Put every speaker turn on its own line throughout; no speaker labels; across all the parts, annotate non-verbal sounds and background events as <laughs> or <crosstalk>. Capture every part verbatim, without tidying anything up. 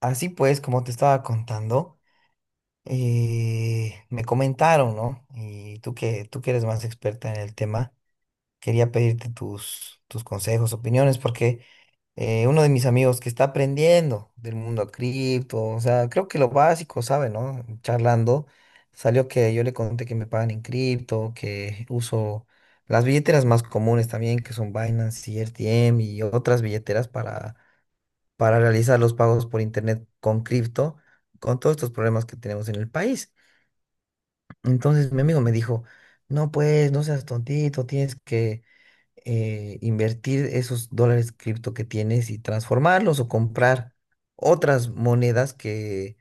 Así pues, como te estaba contando, eh, me comentaron, ¿no? Y tú que, tú que eres más experta en el tema, quería pedirte tus, tus consejos, opiniones, porque eh, uno de mis amigos que está aprendiendo del mundo cripto, o sea, creo que lo básico, ¿sabe, no? Charlando, salió que yo le conté que me pagan en cripto, que uso las billeteras más comunes también, que son Binance y R T M y otras billeteras para para realizar los pagos por internet con cripto, con todos estos problemas que tenemos en el país. Entonces mi amigo me dijo, no pues, no seas tontito, tienes que eh, invertir esos dólares cripto que tienes y transformarlos o comprar otras monedas que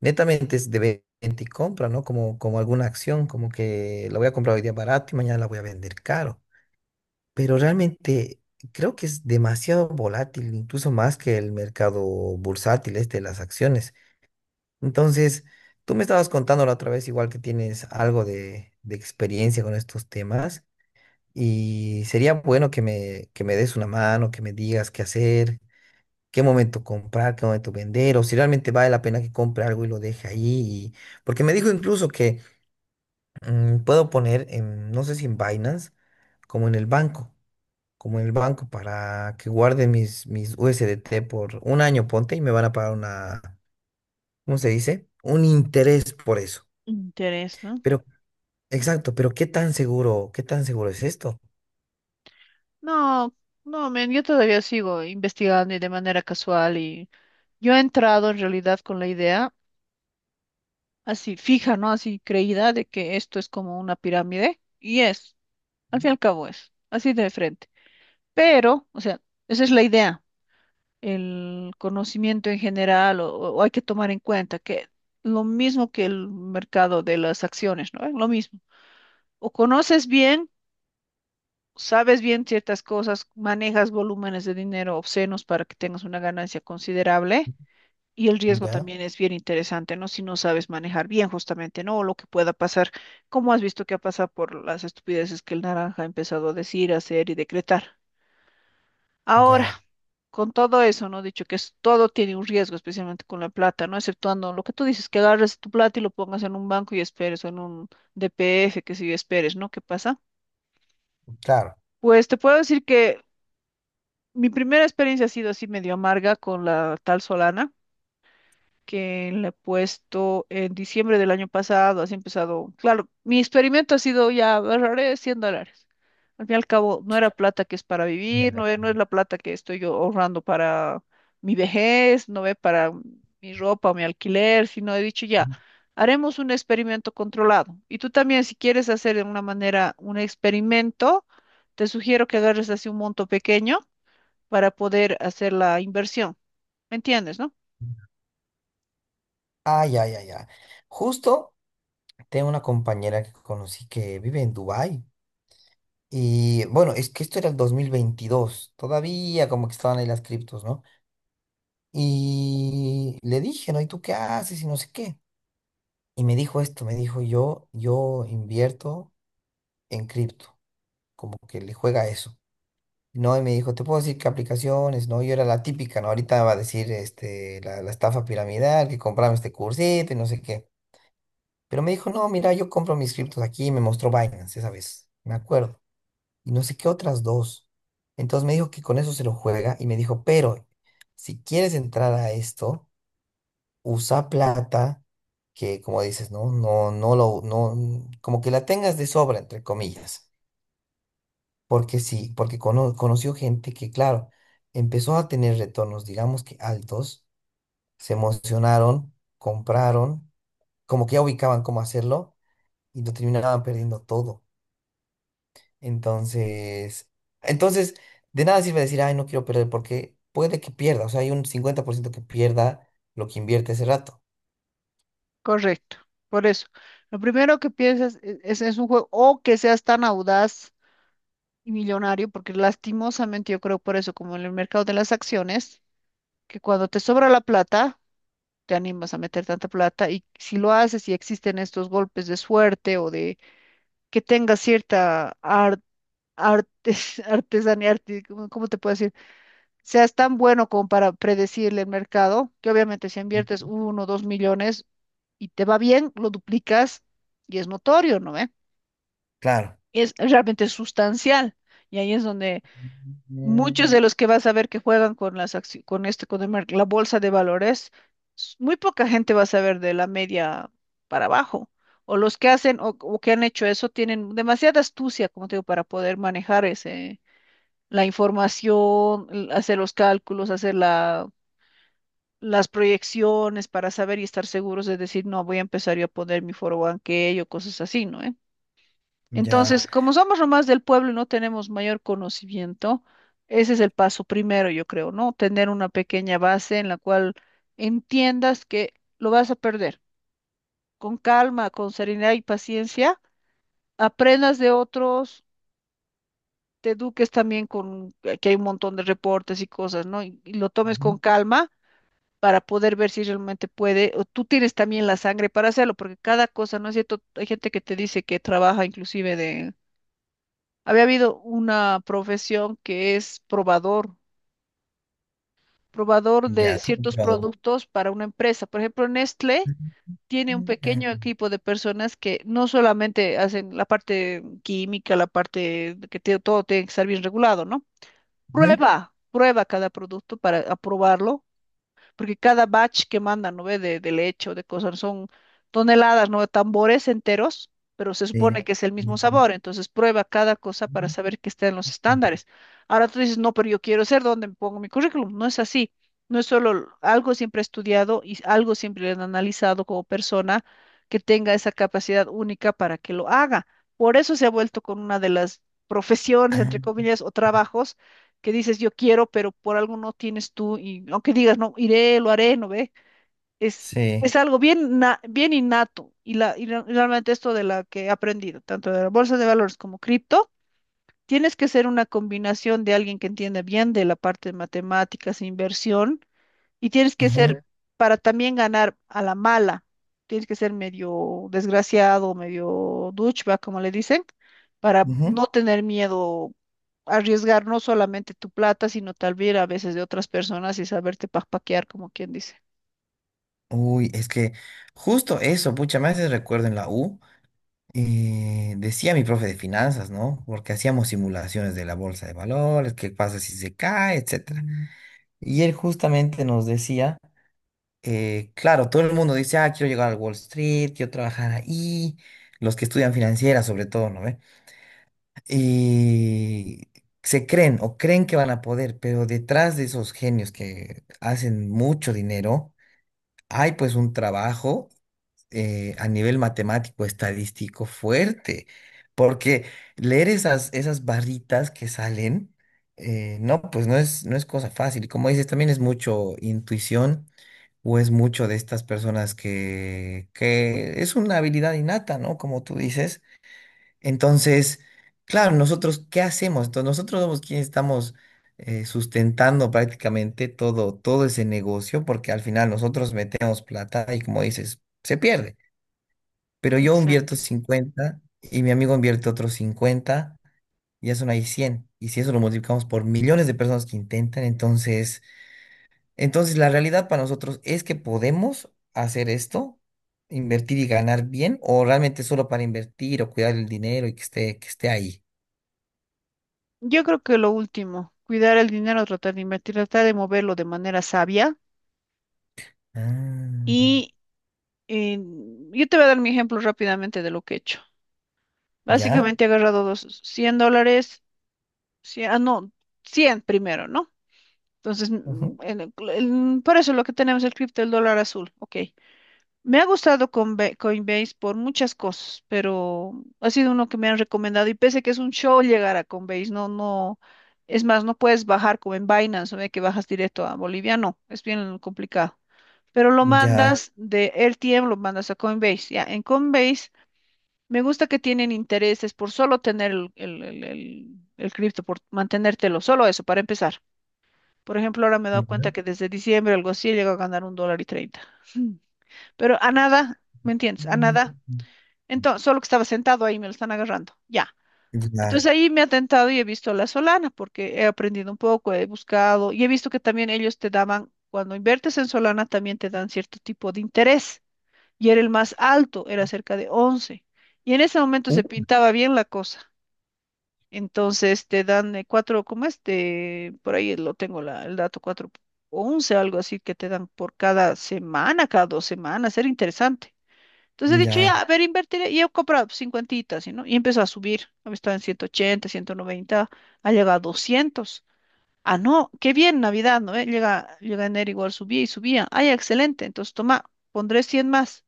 netamente es de venta y compra, ¿no? Como, como alguna acción, como que la voy a comprar hoy día barato y mañana la voy a vender caro, pero realmente creo que es demasiado volátil, incluso más que el mercado bursátil, este de las acciones. Entonces, tú me estabas contando la otra vez, igual que tienes algo de, de experiencia con estos temas, y sería bueno que me, que me des una mano, que me digas qué hacer, qué momento comprar, qué momento vender, o si realmente vale la pena que compre algo y lo deje ahí. Y- porque me dijo incluso que mm, puedo poner, en, no sé si en Binance, como en el banco como en el banco para que guarde mis, mis U S D T por un año, ponte, y me van a pagar una, ¿cómo se dice? Un interés por eso.
Interés, ¿no?
Pero, exacto, pero ¿qué tan seguro, qué tan seguro es esto?
No, no, men, yo todavía sigo investigando y de manera casual, y yo he entrado en realidad con la idea así fija, ¿no? Así creída de que esto es como una pirámide y es, al fin y al cabo, es así de frente. Pero, o sea, esa es la idea, el conocimiento en general, o, o hay que tomar en cuenta que lo mismo que el mercado de las acciones, ¿no? Es lo mismo. O conoces bien, sabes bien ciertas cosas, manejas volúmenes de dinero obscenos para que tengas una ganancia considerable, y el riesgo
Ya,
también es bien interesante, ¿no? Si no sabes manejar bien, justamente, ¿no? O lo que pueda pasar, como has visto que ha pasado por las estupideces que el naranja ha empezado a decir, hacer y decretar. Ahora,
ya,
con todo eso, ¿no? Dicho que, es, todo tiene un riesgo, especialmente con la plata, ¿no? Exceptuando lo que tú dices, que agarres tu plata y lo pongas en un banco y esperes, o en un D P F, que si esperes, ¿no? ¿Qué pasa?
claro.
Pues te puedo decir que mi primera experiencia ha sido así medio amarga con la tal Solana, que le he puesto en diciembre del año pasado, así empezado. Claro, mi experimento ha sido, ya, ahorraré cien dólares. Al fin y al cabo, no era plata que es para vivir,
Ya.
no es, no es la plata que estoy yo ahorrando para mi vejez, no es para mi ropa o mi alquiler, sino he dicho, ya, haremos un experimento controlado. Y tú también, si quieres hacer de alguna manera un experimento, te sugiero que agarres así un monto pequeño para poder hacer la inversión. ¿Me entiendes, no?
Ah, ya, ya, ya. Justo tengo una compañera que conocí que vive en Dubái. Y bueno, es que esto era el dos mil veintidós. Todavía como que estaban ahí las criptos, ¿no? Y le dije, ¿no? ¿Y tú qué haces? Y no sé qué. Y me dijo esto, me dijo yo, yo invierto en cripto, como que le juega a eso. No, y me dijo, te puedo decir qué aplicaciones, no, yo era la típica, ¿no? Ahorita va a decir este, la, la estafa piramidal, que compraba este cursito y no sé qué. Pero me dijo, no, mira, yo compro mis criptos aquí, y me mostró Binance esa vez, me acuerdo. Y no sé qué otras dos. Entonces me dijo que con eso se lo juega y me dijo, pero si quieres entrar a esto, usa plata que, como dices, no, no, no lo, no, como que la tengas de sobra, entre comillas. Porque sí, porque cono- conoció gente que, claro, empezó a tener retornos, digamos que altos, se emocionaron, compraron, como que ya ubicaban cómo hacerlo y lo terminaban perdiendo todo. Entonces, entonces, de nada sirve decir, ay, no quiero perder, porque puede que pierda, o sea, hay un cincuenta por ciento que pierda lo que invierte ese rato.
Correcto. Por eso, lo primero que piensas e- es, es un juego, o que seas tan audaz y millonario, porque lastimosamente yo creo, por eso, como en el mercado de las acciones, que cuando te sobra la plata, te animas a meter tanta plata, y si lo haces y existen estos golpes de suerte, o de que tengas cierta ar- artes- <laughs> artesanía, arti- ¿cómo cómo te puedo decir? Seas tan bueno como para predecirle el mercado, que obviamente si inviertes uno o dos millones y te va bien, lo duplicas y es notorio, ¿no ve?
Claro.
Es realmente sustancial. Y ahí es donde muchos
Mm.
de los que vas a ver que juegan con las acci- con este, con el mer- la bolsa de valores, s- muy poca gente va a saber de la media para abajo. O los que hacen, o, o que han hecho eso, tienen demasiada astucia, como te digo, para poder manejar ese, la información, l- hacer los cálculos, hacer la, las proyecciones para saber y estar seguros de decir, no, voy a empezar yo a poner mi, que o cosas así, ¿no, eh?
Ya.
Entonces, como somos nomás del pueblo y no tenemos mayor conocimiento, ese es el paso primero, yo creo, ¿no? Tener una pequeña base en la cual entiendas que lo vas a perder. Con calma, con serenidad y paciencia, aprendas de otros, te eduques también con, que hay un montón de reportes y cosas, ¿no? y y lo tomes con
Ujú.
calma para poder ver si realmente puede, o tú tienes también la sangre para hacerlo, porque cada cosa, ¿no es cierto? Hay gente que te dice que trabaja inclusive de. Había habido una profesión que es probador, probador de
Ya, qué
ciertos
complicado.
productos para una empresa. Por ejemplo, Nestlé
Ujú,
tiene un
ujú.
pequeño equipo de personas que no solamente hacen la parte química, la parte de que te- todo tiene que estar bien regulado, ¿no? Prueba, prueba cada producto para aprobarlo, porque cada batch que mandan, ¿no ve? De, de leche o de cosas, son toneladas, ¿no? Tambores enteros, pero se
Sí.
supone que es el mismo
Ujú,
sabor, entonces prueba cada cosa para saber que está en los
ujú.
estándares. Ahora tú dices, no, pero yo quiero ser donde pongo mi currículum, no es así. No es solo algo siempre estudiado y algo siempre analizado, como persona que tenga esa capacidad única para que lo haga. Por eso se ha vuelto con una de las profesiones, entre
Ah,
comillas, o trabajos, que dices yo quiero, pero por algo no tienes tú, y aunque digas no, iré, lo haré, no ve, es,
sí.
es algo bien, na- bien innato, y, la, y re- realmente esto, de la que he aprendido, tanto de la bolsa de valores como cripto, tienes que ser una combinación de alguien que entienda bien de la parte de matemáticas e inversión, y tienes que
Ujú,
ser, para también ganar a la mala, tienes que ser medio desgraciado, medio douchebag, como le dicen, para
ujú.
no tener miedo a arriesgar no solamente tu plata, sino tal vez a veces de otras personas, y saberte paquear, como quien dice.
Uy, es que justo eso, pucha, me hace recuerdo en la U, eh, decía mi profe de finanzas, ¿no? Porque hacíamos simulaciones de la bolsa de valores, qué pasa si se cae, etcétera. Mm. Y él justamente nos decía, eh, claro, todo el mundo dice, ah, quiero llegar al Wall Street, quiero trabajar ahí, los que estudian financiera sobre todo, ¿no? Y se creen o creen que van a poder, pero detrás de esos genios que hacen mucho dinero, hay pues un trabajo eh, a nivel matemático, estadístico fuerte, porque leer esas, esas barritas que salen, eh, no, pues no es, no es cosa fácil. Y como dices, también es mucho intuición. O es mucho de estas personas que, que es una habilidad innata, ¿no? Como tú dices entonces, claro, nosotros, ¿qué hacemos? Entonces, nosotros somos quienes estamos eh, sustentando prácticamente todo, todo ese negocio, porque al final nosotros metemos plata y como dices, se pierde. Pero yo invierto
Exacto.
cincuenta y mi amigo invierte otros cincuenta y ya son ahí cien. Y si eso lo multiplicamos por millones de personas que intentan, entonces, entonces la realidad para nosotros es que podemos hacer esto, invertir y ganar bien, o realmente solo para invertir o cuidar el dinero y que esté, que esté ahí.
Yo creo que lo último, cuidar el dinero, tratar de invertir, tratar de moverlo de manera sabia.
Ah,
Y eh, yo te voy a dar mi ejemplo rápidamente de lo que he hecho.
ya,
Básicamente he agarrado dos, cien dólares. Sí, ah, no, cien primero, ¿no? Entonces, mm,
ujú.
en el cl- en- por eso lo que tenemos el cripto del dólar azul, ok. Me ha gustado Conbe- Coinbase por muchas cosas, pero ha sido uno que me han recomendado, y pese que es un show llegar a Coinbase, no, no, es más, no puedes bajar como en Binance, ¿no? De que bajas directo a Bolivia, no, es bien complicado. Pero lo
Ya,
mandas de R T M, lo mandas a Coinbase, ya, en Coinbase me gusta que tienen intereses por solo tener el, el, el- el- el cripto, por mantenértelo, solo eso, para empezar. Por ejemplo, ahora me he dado cuenta
ya,
que desde diciembre algo así llegó a ganar un dólar y treinta. Mm. Pero a nada, ¿me entiendes? A
mm,
nada. Entonces, solo que estaba sentado ahí, me lo están agarrando. Ya.
ya,
Entonces ahí me ha tentado y he visto la Solana, porque he aprendido un poco, he buscado y he visto que también ellos te daban, cuando inviertes en Solana, también te dan cierto tipo de interés. Y era el más alto, era cerca de once. Y en ese momento se
uh,
pintaba bien la cosa. Entonces te dan eh, cuatro, ¿cómo es? Te- por ahí lo tengo, la, el dato, cuatro o once, algo así que te dan, por cada semana, cada dos semanas, era interesante. Entonces he dicho, ya,
ya,
a ver, invertiré, y he comprado cincuentitas, ¿no? Y empezó a subir, había estado en ciento ochenta, ciento noventa, ha llegado a doscientos. Ah, no, qué bien, Navidad, ¿no ve? Llega, llega enero, igual subía y subía. Ah, ya, excelente, entonces toma, pondré cien más.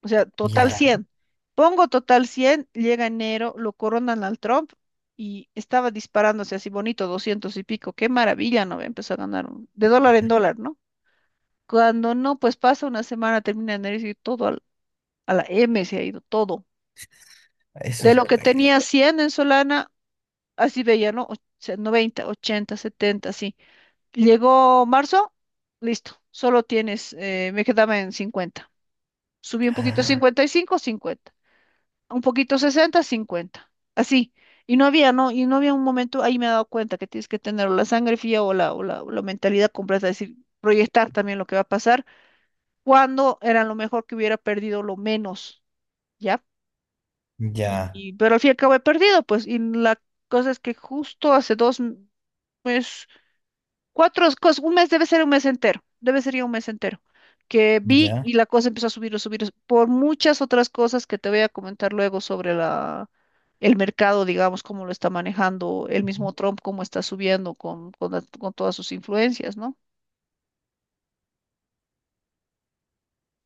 O sea, total Ala.
ya,
cien. Pongo total cien, llega enero, lo coronan al Trump, y estaba disparándose así bonito, doscientos y pico. Qué maravilla, ¿no? Empezó a ganar un- de dólar en dólar, ¿no? Cuando no, pues pasa una semana, termina enero y todo al- a la M se ha ido, todo.
eso
De
es
lo que
bueno,
tenía cien en Solana, así veía, ¿no? Och- noventa, ochenta, setenta, así. Llegó marzo, listo, solo tienes, eh, me quedaba en cincuenta. Subí un poquito a
ya,
cincuenta y cinco, cincuenta, un poquito, sesenta, cincuenta, así. Y no había, no, y no había un momento, ahí me he dado cuenta que tienes que tener o la sangre fría, o la, o la, o la mentalidad completa, es decir, proyectar también lo que va a pasar, cuando era lo mejor que hubiera perdido lo menos, ¿ya? Y, y- pero al fin y al cabo he perdido, pues, y la cosa es que justo hace dos meses, cuatro cosas, un mes debe ser, un mes entero, debe ser ya un mes entero, que vi
ya,
y la cosa empezó a subir, a subir, por muchas otras cosas que te voy a comentar luego sobre la el mercado, digamos, cómo lo está manejando el mismo
ya,
Trump, cómo está subiendo con, con la- con todas sus influencias, ¿no?